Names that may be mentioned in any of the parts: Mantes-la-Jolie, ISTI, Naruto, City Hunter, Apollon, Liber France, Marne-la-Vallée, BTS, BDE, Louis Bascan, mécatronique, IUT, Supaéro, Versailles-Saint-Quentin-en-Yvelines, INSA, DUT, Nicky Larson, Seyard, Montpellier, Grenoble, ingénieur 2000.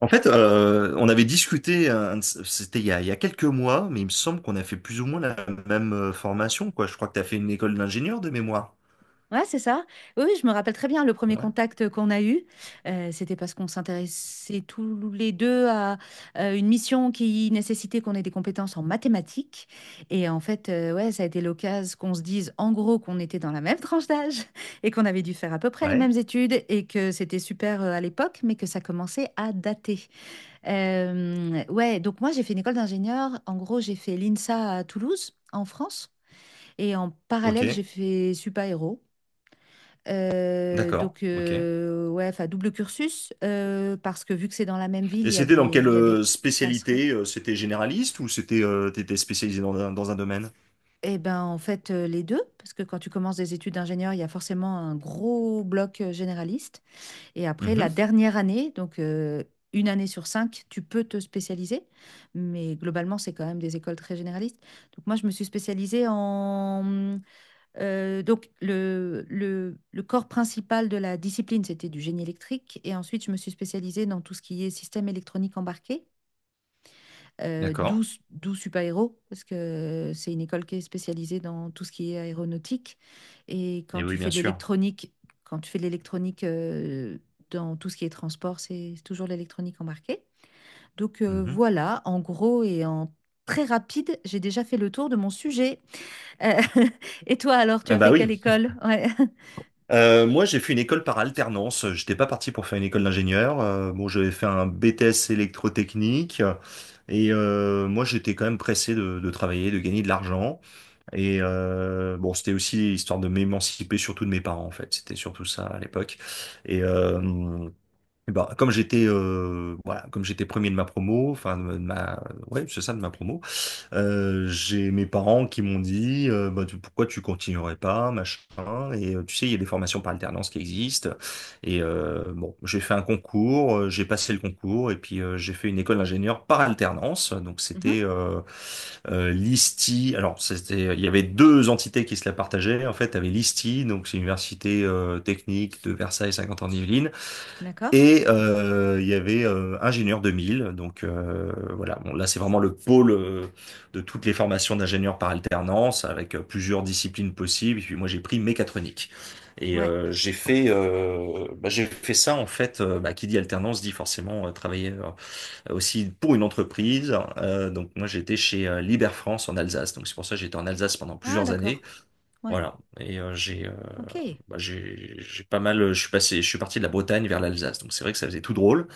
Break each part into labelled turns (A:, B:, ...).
A: En fait, on avait discuté, c'était il y a quelques mois, mais il me semble qu'on a fait plus ou moins la même formation, quoi. Je crois que tu as fait une école d'ingénieur de mémoire.
B: Ouais, c'est ça. Oui, oui, je me rappelle très bien le premier
A: Ouais.
B: contact qu'on a eu. C'était parce qu'on s'intéressait tous les deux à une mission qui nécessitait qu'on ait des compétences en mathématiques. Et en fait, ouais, ça a été l'occasion qu'on se dise en gros qu'on était dans la même tranche d'âge et qu'on avait dû faire à peu près les
A: Ouais.
B: mêmes études et que c'était super à l'époque, mais que ça commençait à dater. Ouais, donc moi, j'ai fait une école d'ingénieur. En gros, j'ai fait l'INSA à Toulouse, en France. Et en parallèle, j'ai
A: Ok.
B: fait Supaéro.
A: D'accord. Ok.
B: Ouais, enfin, double cursus, parce que vu que c'est dans la même ville,
A: Et
B: il y a
A: c'était
B: des,
A: dans quelle
B: il y a des passerelles.
A: spécialité? C'était généraliste ou c'était t'étais spécialisé dans un domaine?
B: Eh ben, en fait, les deux, parce que quand tu commences des études d'ingénieur, il y a forcément un gros bloc généraliste. Et après, la
A: Mhm.
B: dernière année, donc une année sur 5, tu peux te spécialiser. Mais globalement, c'est quand même des écoles très généralistes. Donc, moi, je me suis spécialisée en. Le, le corps principal de la discipline, c'était du génie électrique. Et ensuite, je me suis spécialisée dans tout ce qui est système électronique embarqué, euh,
A: D'accord.
B: d'où, d'où super parce que c'est une école qui est spécialisée dans tout ce qui est aéronautique. Et
A: Et
B: quand
A: oui,
B: tu
A: bien
B: fais de
A: sûr.
B: l'électronique, quand tu fais de l'électronique euh, dans tout ce qui est transport, c'est toujours l'électronique embarquée. Donc,
A: Mhm.
B: voilà, en gros et en très rapide, j'ai déjà fait le tour de mon sujet. Euh, et toi, alors, tu
A: Ah
B: as
A: bah
B: fait quelle
A: oui.
B: école? Ouais.
A: Moi, j'ai fait une école par alternance. J'étais pas parti pour faire une école d'ingénieur. Bon, j'avais fait un BTS électrotechnique. Et moi, j'étais quand même pressé de travailler, de gagner de l'argent. Et bon, c'était aussi histoire de m'émanciper, surtout de mes parents, en fait. C'était surtout ça à l'époque. Et eh ben, comme j'étais voilà, comme j'étais premier de ma promo, enfin de ma, ouais, c'est ça, de ma promo. J'ai mes parents qui m'ont dit bah, pourquoi tu continuerais pas, machin. Et tu sais, il y a des formations par alternance qui existent. Et bon, j'ai fait un concours, j'ai passé le concours, et puis j'ai fait une école d'ingénieur par alternance. Donc c'était
B: Mhm.
A: l'ISTI. Alors c'était, il y avait deux entités qui se la partageaient. En fait, tu avais l'ISTI, donc c'est l'université technique de Versailles-Saint-Quentin-en-Yvelines.
B: D'accord.
A: Et il y avait ingénieur 2000, donc voilà. Bon, là c'est vraiment le pôle de toutes les formations d'ingénieurs par alternance, avec plusieurs disciplines possibles. Et puis moi j'ai pris mécatronique. Et
B: Ouais.
A: euh, j'ai fait, bah, j'ai fait ça en fait. Bah, qui dit alternance dit forcément travailler aussi pour une entreprise. Donc moi j'étais chez Liber France en Alsace. Donc c'est pour ça que j'étais en Alsace pendant
B: Ah,
A: plusieurs années.
B: d'accord. Ouais.
A: Voilà. Et j'ai
B: OK.
A: bah, j'ai pas mal. Je suis parti de la Bretagne vers l'Alsace. Donc c'est vrai que ça faisait tout drôle.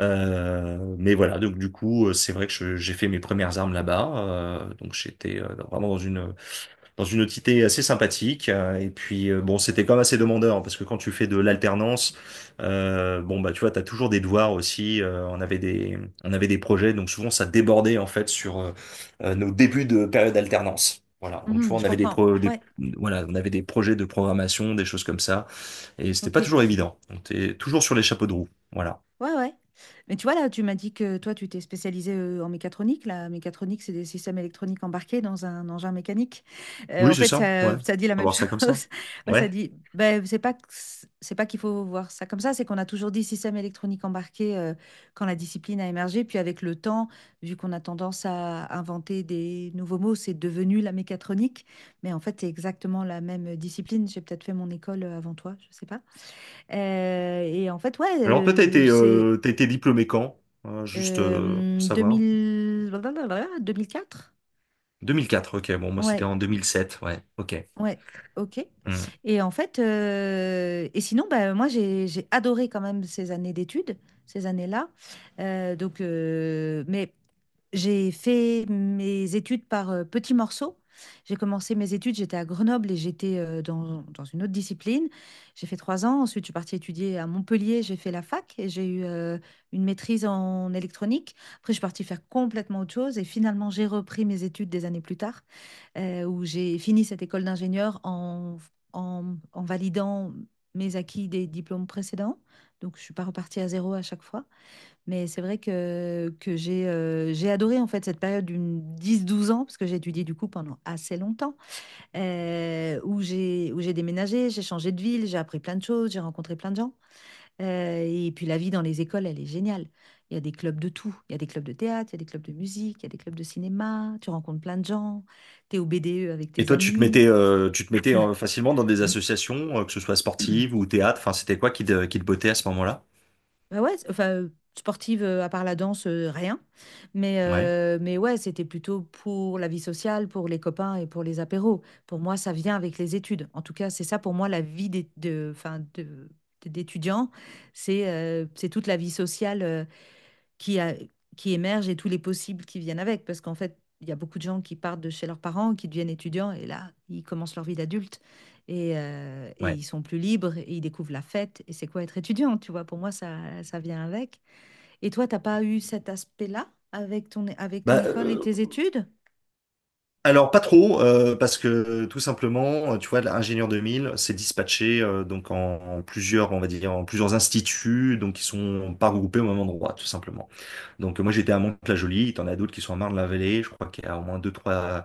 A: Mais voilà. Donc du coup, c'est vrai que j'ai fait mes premières armes là-bas. Donc j'étais vraiment dans une entité assez sympathique. Et puis, bon, c'était quand même assez demandeur, parce que quand tu fais de l'alternance, bon, bah, tu vois, t'as toujours des devoirs aussi. On avait des projets, donc souvent, ça débordait, en fait, sur nos débuts de période d'alternance. Voilà, donc tu
B: Mhm,
A: vois, on
B: je
A: avait des,
B: comprends.
A: pro des-
B: Ouais.
A: voilà, on avait des projets de programmation, des choses comme ça, et c'était pas
B: OK.
A: toujours évident. On était toujours sur les chapeaux de roue. Voilà.
B: Ouais, ouais. Mais tu vois, là, tu m'as dit que toi, tu t'es spécialisé en mécatronique. La mécatronique, c'est des systèmes électroniques embarqués dans un engin mécanique.
A: Oui,
B: En
A: c'est
B: fait,
A: ça, ouais. On
B: ça dit la
A: va
B: même
A: voir ça comme ça.
B: chose. Ouais, ça
A: Ouais.
B: dit, ben, c'est pas, que c'est pas qu'il faut voir ça comme ça, c'est qu'on a toujours dit système électronique embarqué quand la discipline a émergé. Puis avec le temps, vu qu'on a tendance à inventer des nouveaux mots, c'est devenu la mécatronique. Mais en fait, c'est exactement la même discipline. J'ai peut-être fait mon école avant toi, je sais pas. Et en fait, ouais,
A: Alors toi, t'as été,
B: c'est
A: euh, t'as été diplômé quand? Juste pour savoir.
B: 2000... blablabla, 2004?
A: 2004, ok. Bon, moi, c'était
B: Ouais,
A: en 2007, ouais, ok.
B: ouais, ok.
A: Hmm.
B: Et en fait, et sinon, bah, moi, j'ai adoré quand même ces années d'études, ces années-là. Mais j'ai fait mes études par petits morceaux. J'ai commencé mes études, j'étais à Grenoble et j'étais dans, dans une autre discipline. J'ai fait 3 ans, ensuite je suis partie étudier à Montpellier, j'ai fait la fac et j'ai eu une maîtrise en électronique. Après, je suis partie faire complètement autre chose et finalement j'ai repris mes études des années plus tard, où j'ai fini cette école d'ingénieur en, en validant mes acquis des diplômes précédents. Donc je ne suis pas repartie à zéro à chaque fois. Mais c'est vrai que, j'ai adoré en fait cette période d'une 10-12 ans, parce que j'ai étudié du coup pendant assez longtemps, où j'ai déménagé, j'ai changé de ville, j'ai appris plein de choses, j'ai rencontré plein de gens. Et puis la vie dans les écoles, elle est géniale. Il y a des clubs de tout. Il y a des clubs de théâtre, il y a des clubs de musique, il y a des clubs de cinéma, tu rencontres plein de gens, tu es au BDE avec
A: Et
B: tes
A: toi, tu te
B: amis.
A: mettais, euh, tu te mettais euh, facilement dans des associations, que ce soit sportive ou théâtre. Enfin, c'était quoi qui te bottait à ce moment-là?
B: Bah ouais, enfin, sportive, à part la danse, rien. Mais,
A: Ouais,
B: euh, mais ouais, c'était plutôt pour la vie sociale, pour les copains et pour les apéros. Pour moi, ça vient avec les études. En tout cas, c'est ça pour moi la vie d'étudiant. C'est toute la vie sociale, qui, a- qui émergent et tous les possibles qui viennent avec. Parce qu'en fait, il y a beaucoup de gens qui partent de chez leurs parents, qui deviennent étudiants, et là, ils commencent leur vie d'adulte. Et
A: ouais.
B: ils sont plus libres et ils découvrent la fête. Et c'est quoi être étudiant, tu vois? Pour moi, ça vient avec. Et toi, t'as pas eu cet aspect-là avec ton
A: Bah,
B: école et tes études?
A: alors, pas trop, parce que tout simplement, tu vois, l'ingénieur 2000, c'est dispatché donc en plusieurs, on va dire, en plusieurs instituts, donc qui sont pas regroupés au même endroit, tout simplement. Donc, moi, j'étais à Mantes-la-Jolie, t'en as d'autres qui sont à Marne-la-Vallée, je crois qu'il y a au moins deux, trois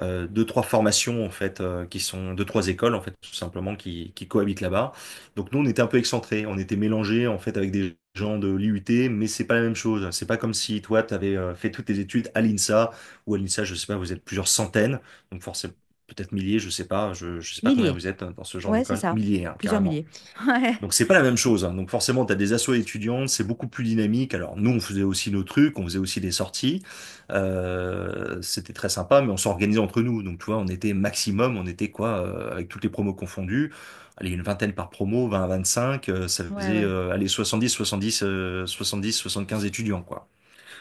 A: euh, deux, trois formations en fait qui sont deux, trois écoles en fait tout simplement qui cohabitent là-bas. Donc nous on était un peu excentrés, on était mélangés en fait avec des gens de l'IUT, mais c'est pas la même chose. C'est pas comme si toi tu avais fait toutes tes études à l'INSA, je sais pas, vous êtes plusieurs centaines, donc forcément peut-être milliers, je sais pas, je sais pas combien
B: Milliers.
A: vous êtes hein, dans ce genre
B: Ouais, c'est
A: d'école,
B: ça.
A: milliers hein,
B: Plusieurs
A: carrément.
B: milliers.
A: Donc c'est pas la même chose. Hein. Donc forcément, tu as des assos étudiantes, c'est beaucoup plus dynamique. Alors nous, on faisait aussi nos trucs, on faisait aussi des sorties. C'était très sympa, mais on s'organisait entre nous. Donc tu vois, on était maximum, on était quoi, avec toutes les promos confondues, allez, une vingtaine par promo, 20, à cinq ça
B: Ouais, ouais,
A: faisait
B: ouais.
A: allez, 70, 70, 70, 75 étudiants, quoi.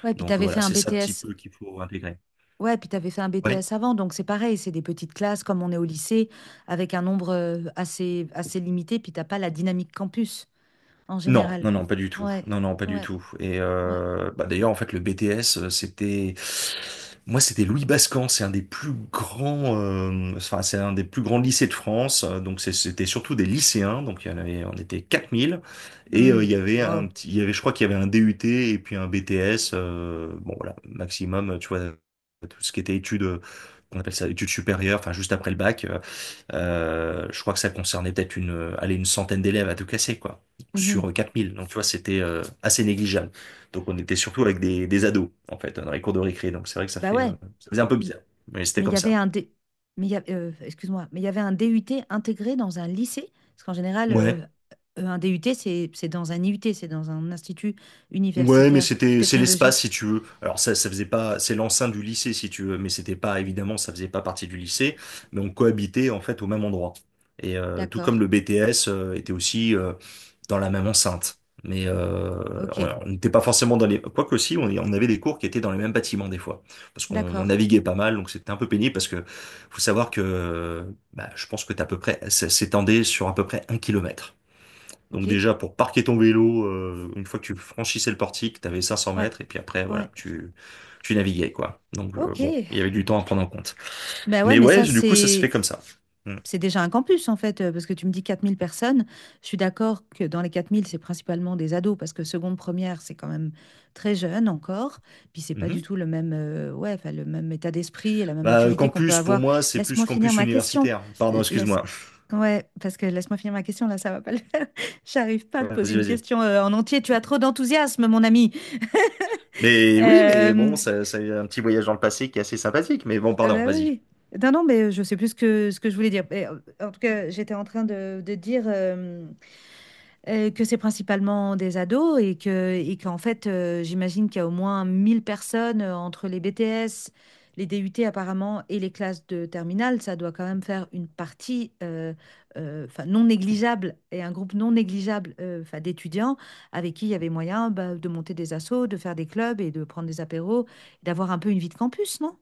B: Ouais,
A: Donc
B: puis t'avais
A: voilà, c'est
B: fait
A: ça un
B: un
A: petit
B: BTS
A: peu qu'il faut intégrer.
B: Ouais, puis tu avais fait un
A: Ouais.
B: BTS avant, donc c'est pareil, c'est des petites classes comme on est au lycée, avec un nombre assez, assez limité, puis t'as pas la dynamique campus en
A: Non,
B: général.
A: non, non, pas du tout.
B: Ouais,
A: Non, non, pas du
B: ouais,
A: tout. Et
B: ouais.
A: euh, bah d'ailleurs, en fait, le BTS, c'était, moi, c'était Louis Bascan. C'est un des plus grands, enfin, c'est un des plus grands lycées de France. Donc, c'était surtout des lycéens. Donc, il y en avait, on était 4000. Et
B: Mhm. Wow.
A: je crois qu'il y avait un DUT et puis un BTS. Bon, voilà, maximum, tu vois, tout ce qui était études, on appelle ça études supérieures. Enfin, juste après le bac. Je crois que ça concernait peut-être allez, une centaine d'élèves à tout casser, quoi,
B: Mhm.
A: sur 4000. Donc, tu vois, c'était assez négligeable. Donc, on était surtout avec des ados, en fait, dans les cours de récré. Donc, c'est vrai que ça
B: Bah
A: fait, euh,
B: ouais,
A: ça faisait un peu
B: M-
A: bizarre. Mais c'était
B: mais il y
A: comme
B: avait
A: ça.
B: un D... excuse-moi, mais il y avait un DUT intégré dans un lycée, parce qu'en général,
A: Ouais.
B: un DUT, c'est dans un IUT, c'est dans un institut
A: Ouais, mais
B: universitaire
A: c'est l'espace,
B: technologique.
A: si tu veux. Alors, ça faisait pas, c'est l'enceinte du lycée, si tu veux. Mais c'était pas, évidemment, ça faisait pas partie du lycée. Mais on cohabitait, en fait, au même endroit. Et tout comme
B: D'accord.
A: le BTS était aussi dans la même enceinte. Mais
B: Ok.
A: on n'était pas forcément dans les... Quoique aussi, on avait des cours qui étaient dans les mêmes bâtiments des fois. Parce qu'on
B: D'accord.
A: naviguait pas mal, donc c'était un peu pénible parce que faut savoir que bah, je pense que t'as à peu près... Ça s'étendait sur à peu près 1 kilomètre.
B: Ok.
A: Donc déjà, pour parquer ton vélo, une fois que tu franchissais le portique, t'avais cinq cents
B: Ouais.
A: mètres, et puis après,
B: Ouais.
A: voilà, tu naviguais, quoi. Donc,
B: Ok.
A: bon, il y avait du temps à prendre en compte.
B: Ben ouais,
A: Mais
B: mais
A: ouais,
B: ça,
A: du coup, ça s'est fait
B: c'est
A: comme ça. Mm.
B: c'est déjà un campus, en fait, parce que tu me dis 4 000 personnes. Je suis d'accord que dans les 4 000 c'est principalement des ados, parce que seconde, première, c'est quand même très jeune encore. Puis c'est pas du
A: Mhm.
B: tout le même, ouais, enfin, le même état d'esprit et la même
A: Bah,
B: maturité qu'on peut
A: campus, pour
B: avoir.
A: moi, c'est plus
B: Laisse-moi finir
A: campus
B: ma question.
A: universitaire. Pardon,
B: L- Laisse...
A: excuse-moi.
B: Ouais, parce que laisse-moi finir ma question, là, ça va pas le faire. J'arrive pas à
A: Ouais,
B: te poser
A: vas-y,
B: une
A: vas-y.
B: question en entier. Tu as trop d'enthousiasme, mon ami.
A: Mais oui, mais bon, c'est un petit voyage dans le passé qui est assez sympathique. Mais bon,
B: Euh,
A: pardon,
B: bah
A: vas-y.
B: oui, oui. Non, non, mais je sais plus ce que je voulais dire. Mais, en tout cas, j'étais en train de, de dire que c'est principalement des ados et qu'en fait, j'imagine qu'il y a au moins 1 000 personnes entre les BTS, les DUT apparemment et les classes de terminale. Ça doit quand même faire une partie 'fin, non négligeable et un groupe non négligeable 'fin, d'étudiants avec qui il y avait moyen bah, de monter des assos, de faire des clubs et de prendre des apéros, d'avoir un peu une vie de campus, non?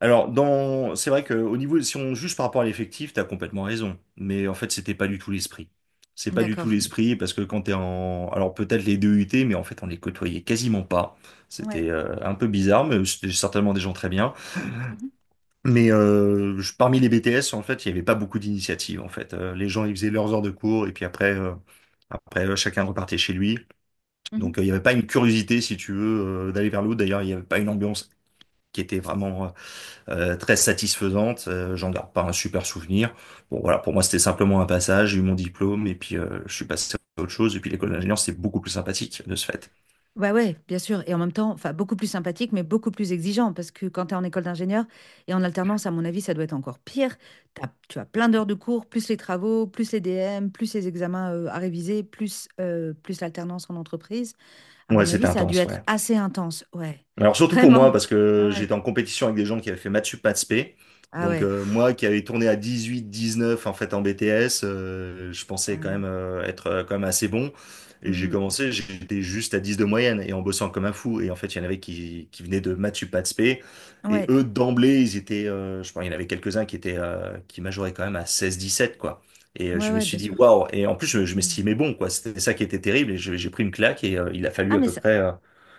A: Alors, c'est vrai que au niveau, si on juge par rapport à l'effectif, t'as complètement raison. Mais en fait, c'était pas du tout l'esprit. C'est pas du tout
B: D'accord.
A: l'esprit parce que quand t'es alors peut-être les deux UT, mais en fait, on les côtoyait quasiment pas.
B: Ouais.
A: C'était un peu bizarre, mais c'était certainement des gens très bien.
B: Mhm,
A: Mais parmi les BTS, en fait, il y avait pas beaucoup d'initiatives. En fait, les gens, ils faisaient leurs heures de cours et puis après, chacun repartait chez lui. Donc,
B: mhm.
A: il n'y avait pas une curiosité, si tu veux, d'aller vers l'autre. D'ailleurs, il n'y avait pas une ambiance qui était vraiment très satisfaisante. J'en garde pas un super souvenir. Bon, voilà, pour moi, c'était simplement un passage. J'ai eu mon diplôme et puis je suis passé à autre chose. Et puis, l'école d'ingénieur, c'est beaucoup plus sympathique de ce fait.
B: Ouais, ouais, bien sûr. Et en même temps, enfin, beaucoup plus sympathique, mais beaucoup plus exigeant. Parce que quand tu es en école d'ingénieur et en alternance, à mon avis, ça doit être encore pire. Tu as plein d'heures de cours, plus les travaux, plus les DM, plus les examens à réviser, plus l'alternance en entreprise. À
A: Ouais,
B: mon
A: c'était
B: avis, ça a dû
A: intense,
B: être
A: ouais.
B: assez intense. Ouais,
A: Alors surtout pour
B: vraiment.
A: moi, parce que
B: Ah ouais.
A: j'étais en compétition avec des gens qui avaient fait maths sup, maths spé.
B: Ah
A: Donc
B: ouais.
A: euh,
B: Pff,
A: moi qui avais tourné à 18, 19 en fait en BTS, je
B: ah
A: pensais quand
B: ouais.
A: même être quand même assez bon. Et j'ai
B: Hmm.
A: commencé, j'étais juste à 10 de moyenne et en bossant comme un fou. Et en fait, il y en avait qui venaient de maths sup, maths spé. Et
B: Ouais,
A: eux, d'emblée, ils étaient, je pense, il y en avait quelques-uns qui étaient, qui majoraient quand même à 16, 17, quoi. Et
B: ouais,
A: je me
B: ouais,
A: suis
B: bien
A: dit,
B: sûr.
A: waouh! Et en plus,
B: Mmh,
A: je
B: ouais.
A: m'estimais bon, quoi. C'était ça qui était terrible. Et j'ai pris une claque et il a fallu
B: Ah,
A: à
B: mais
A: peu
B: ça,
A: près.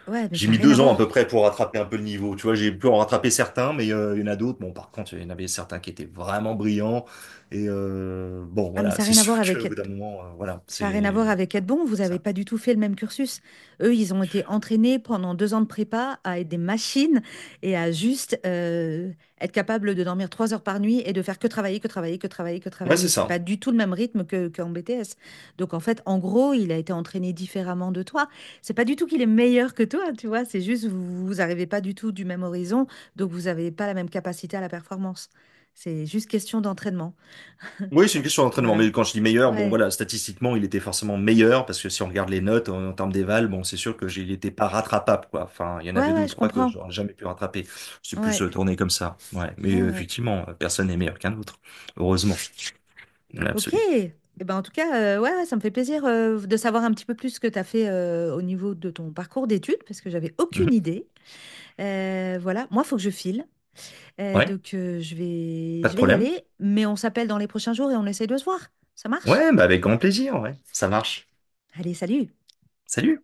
B: ouais, mais
A: J'ai
B: ça n'a
A: mis
B: rien à
A: 2 ans à
B: voir.
A: peu près pour rattraper un peu le niveau. Tu vois, j'ai pu en rattraper certains, mais il y en a d'autres. Bon, par contre, il y en avait certains qui étaient vraiment brillants. Et bon,
B: Ah, mais
A: voilà,
B: ça n'a
A: c'est
B: rien à voir
A: sûr
B: avec.
A: qu'au bout d'un moment, voilà,
B: Ça
A: c'est
B: n'a rien à voir avec être bon, vous
A: comme
B: n'avez
A: ça.
B: pas du tout fait le même cursus. Eux, ils ont été entraînés pendant 2 ans de prépa à être des machines et à juste être capable de dormir 3 heures par nuit et de faire que travailler, que travailler, que travailler, que
A: Ouais,
B: travailler.
A: c'est
B: C'est pas
A: ça.
B: du tout le même rythme qu'en BTS. Donc en fait, en gros, il a été entraîné différemment de toi. C'est pas du tout qu'il est meilleur que toi, tu vois. C'est juste vous, vous arrivez pas du tout du même horizon, donc vous n'avez pas la même capacité à la performance. C'est juste question d'entraînement.
A: Oui, c'est une
B: Enfin,
A: question d'entraînement.
B: voilà.
A: Mais quand je dis meilleur, bon,
B: Ouais,
A: voilà, statistiquement, il était forcément meilleur parce que si on regarde les notes en, termes d'éval, bon, c'est sûr que il n'était pas rattrapable, quoi. Enfin, il y en
B: ouais,
A: avait deux ou
B: ouais, je
A: trois que
B: comprends.
A: j'aurais jamais pu rattraper. C'est plus
B: Ouais.
A: tourné comme ça. Ouais. Mais
B: Ouais,
A: euh,
B: ouais.
A: effectivement, personne n'est meilleur qu'un autre. Heureusement, dans
B: Ok.
A: l'absolu.
B: Eh ben, en tout cas, ouais, ouais, ça me fait plaisir de savoir un petit peu plus ce que tu as fait au niveau de ton parcours d'études, parce que j'avais aucune
A: Mhm.
B: idée. Voilà, moi, il faut que je file.
A: Ouais,
B: Je vais,
A: pas de
B: je vais y
A: problème.
B: aller, mais on s'appelle dans les prochains jours et on essaye de se voir. Ça marche?
A: Ouais, bah avec grand plaisir, ouais. Ça marche.
B: Allez, salut!
A: Salut!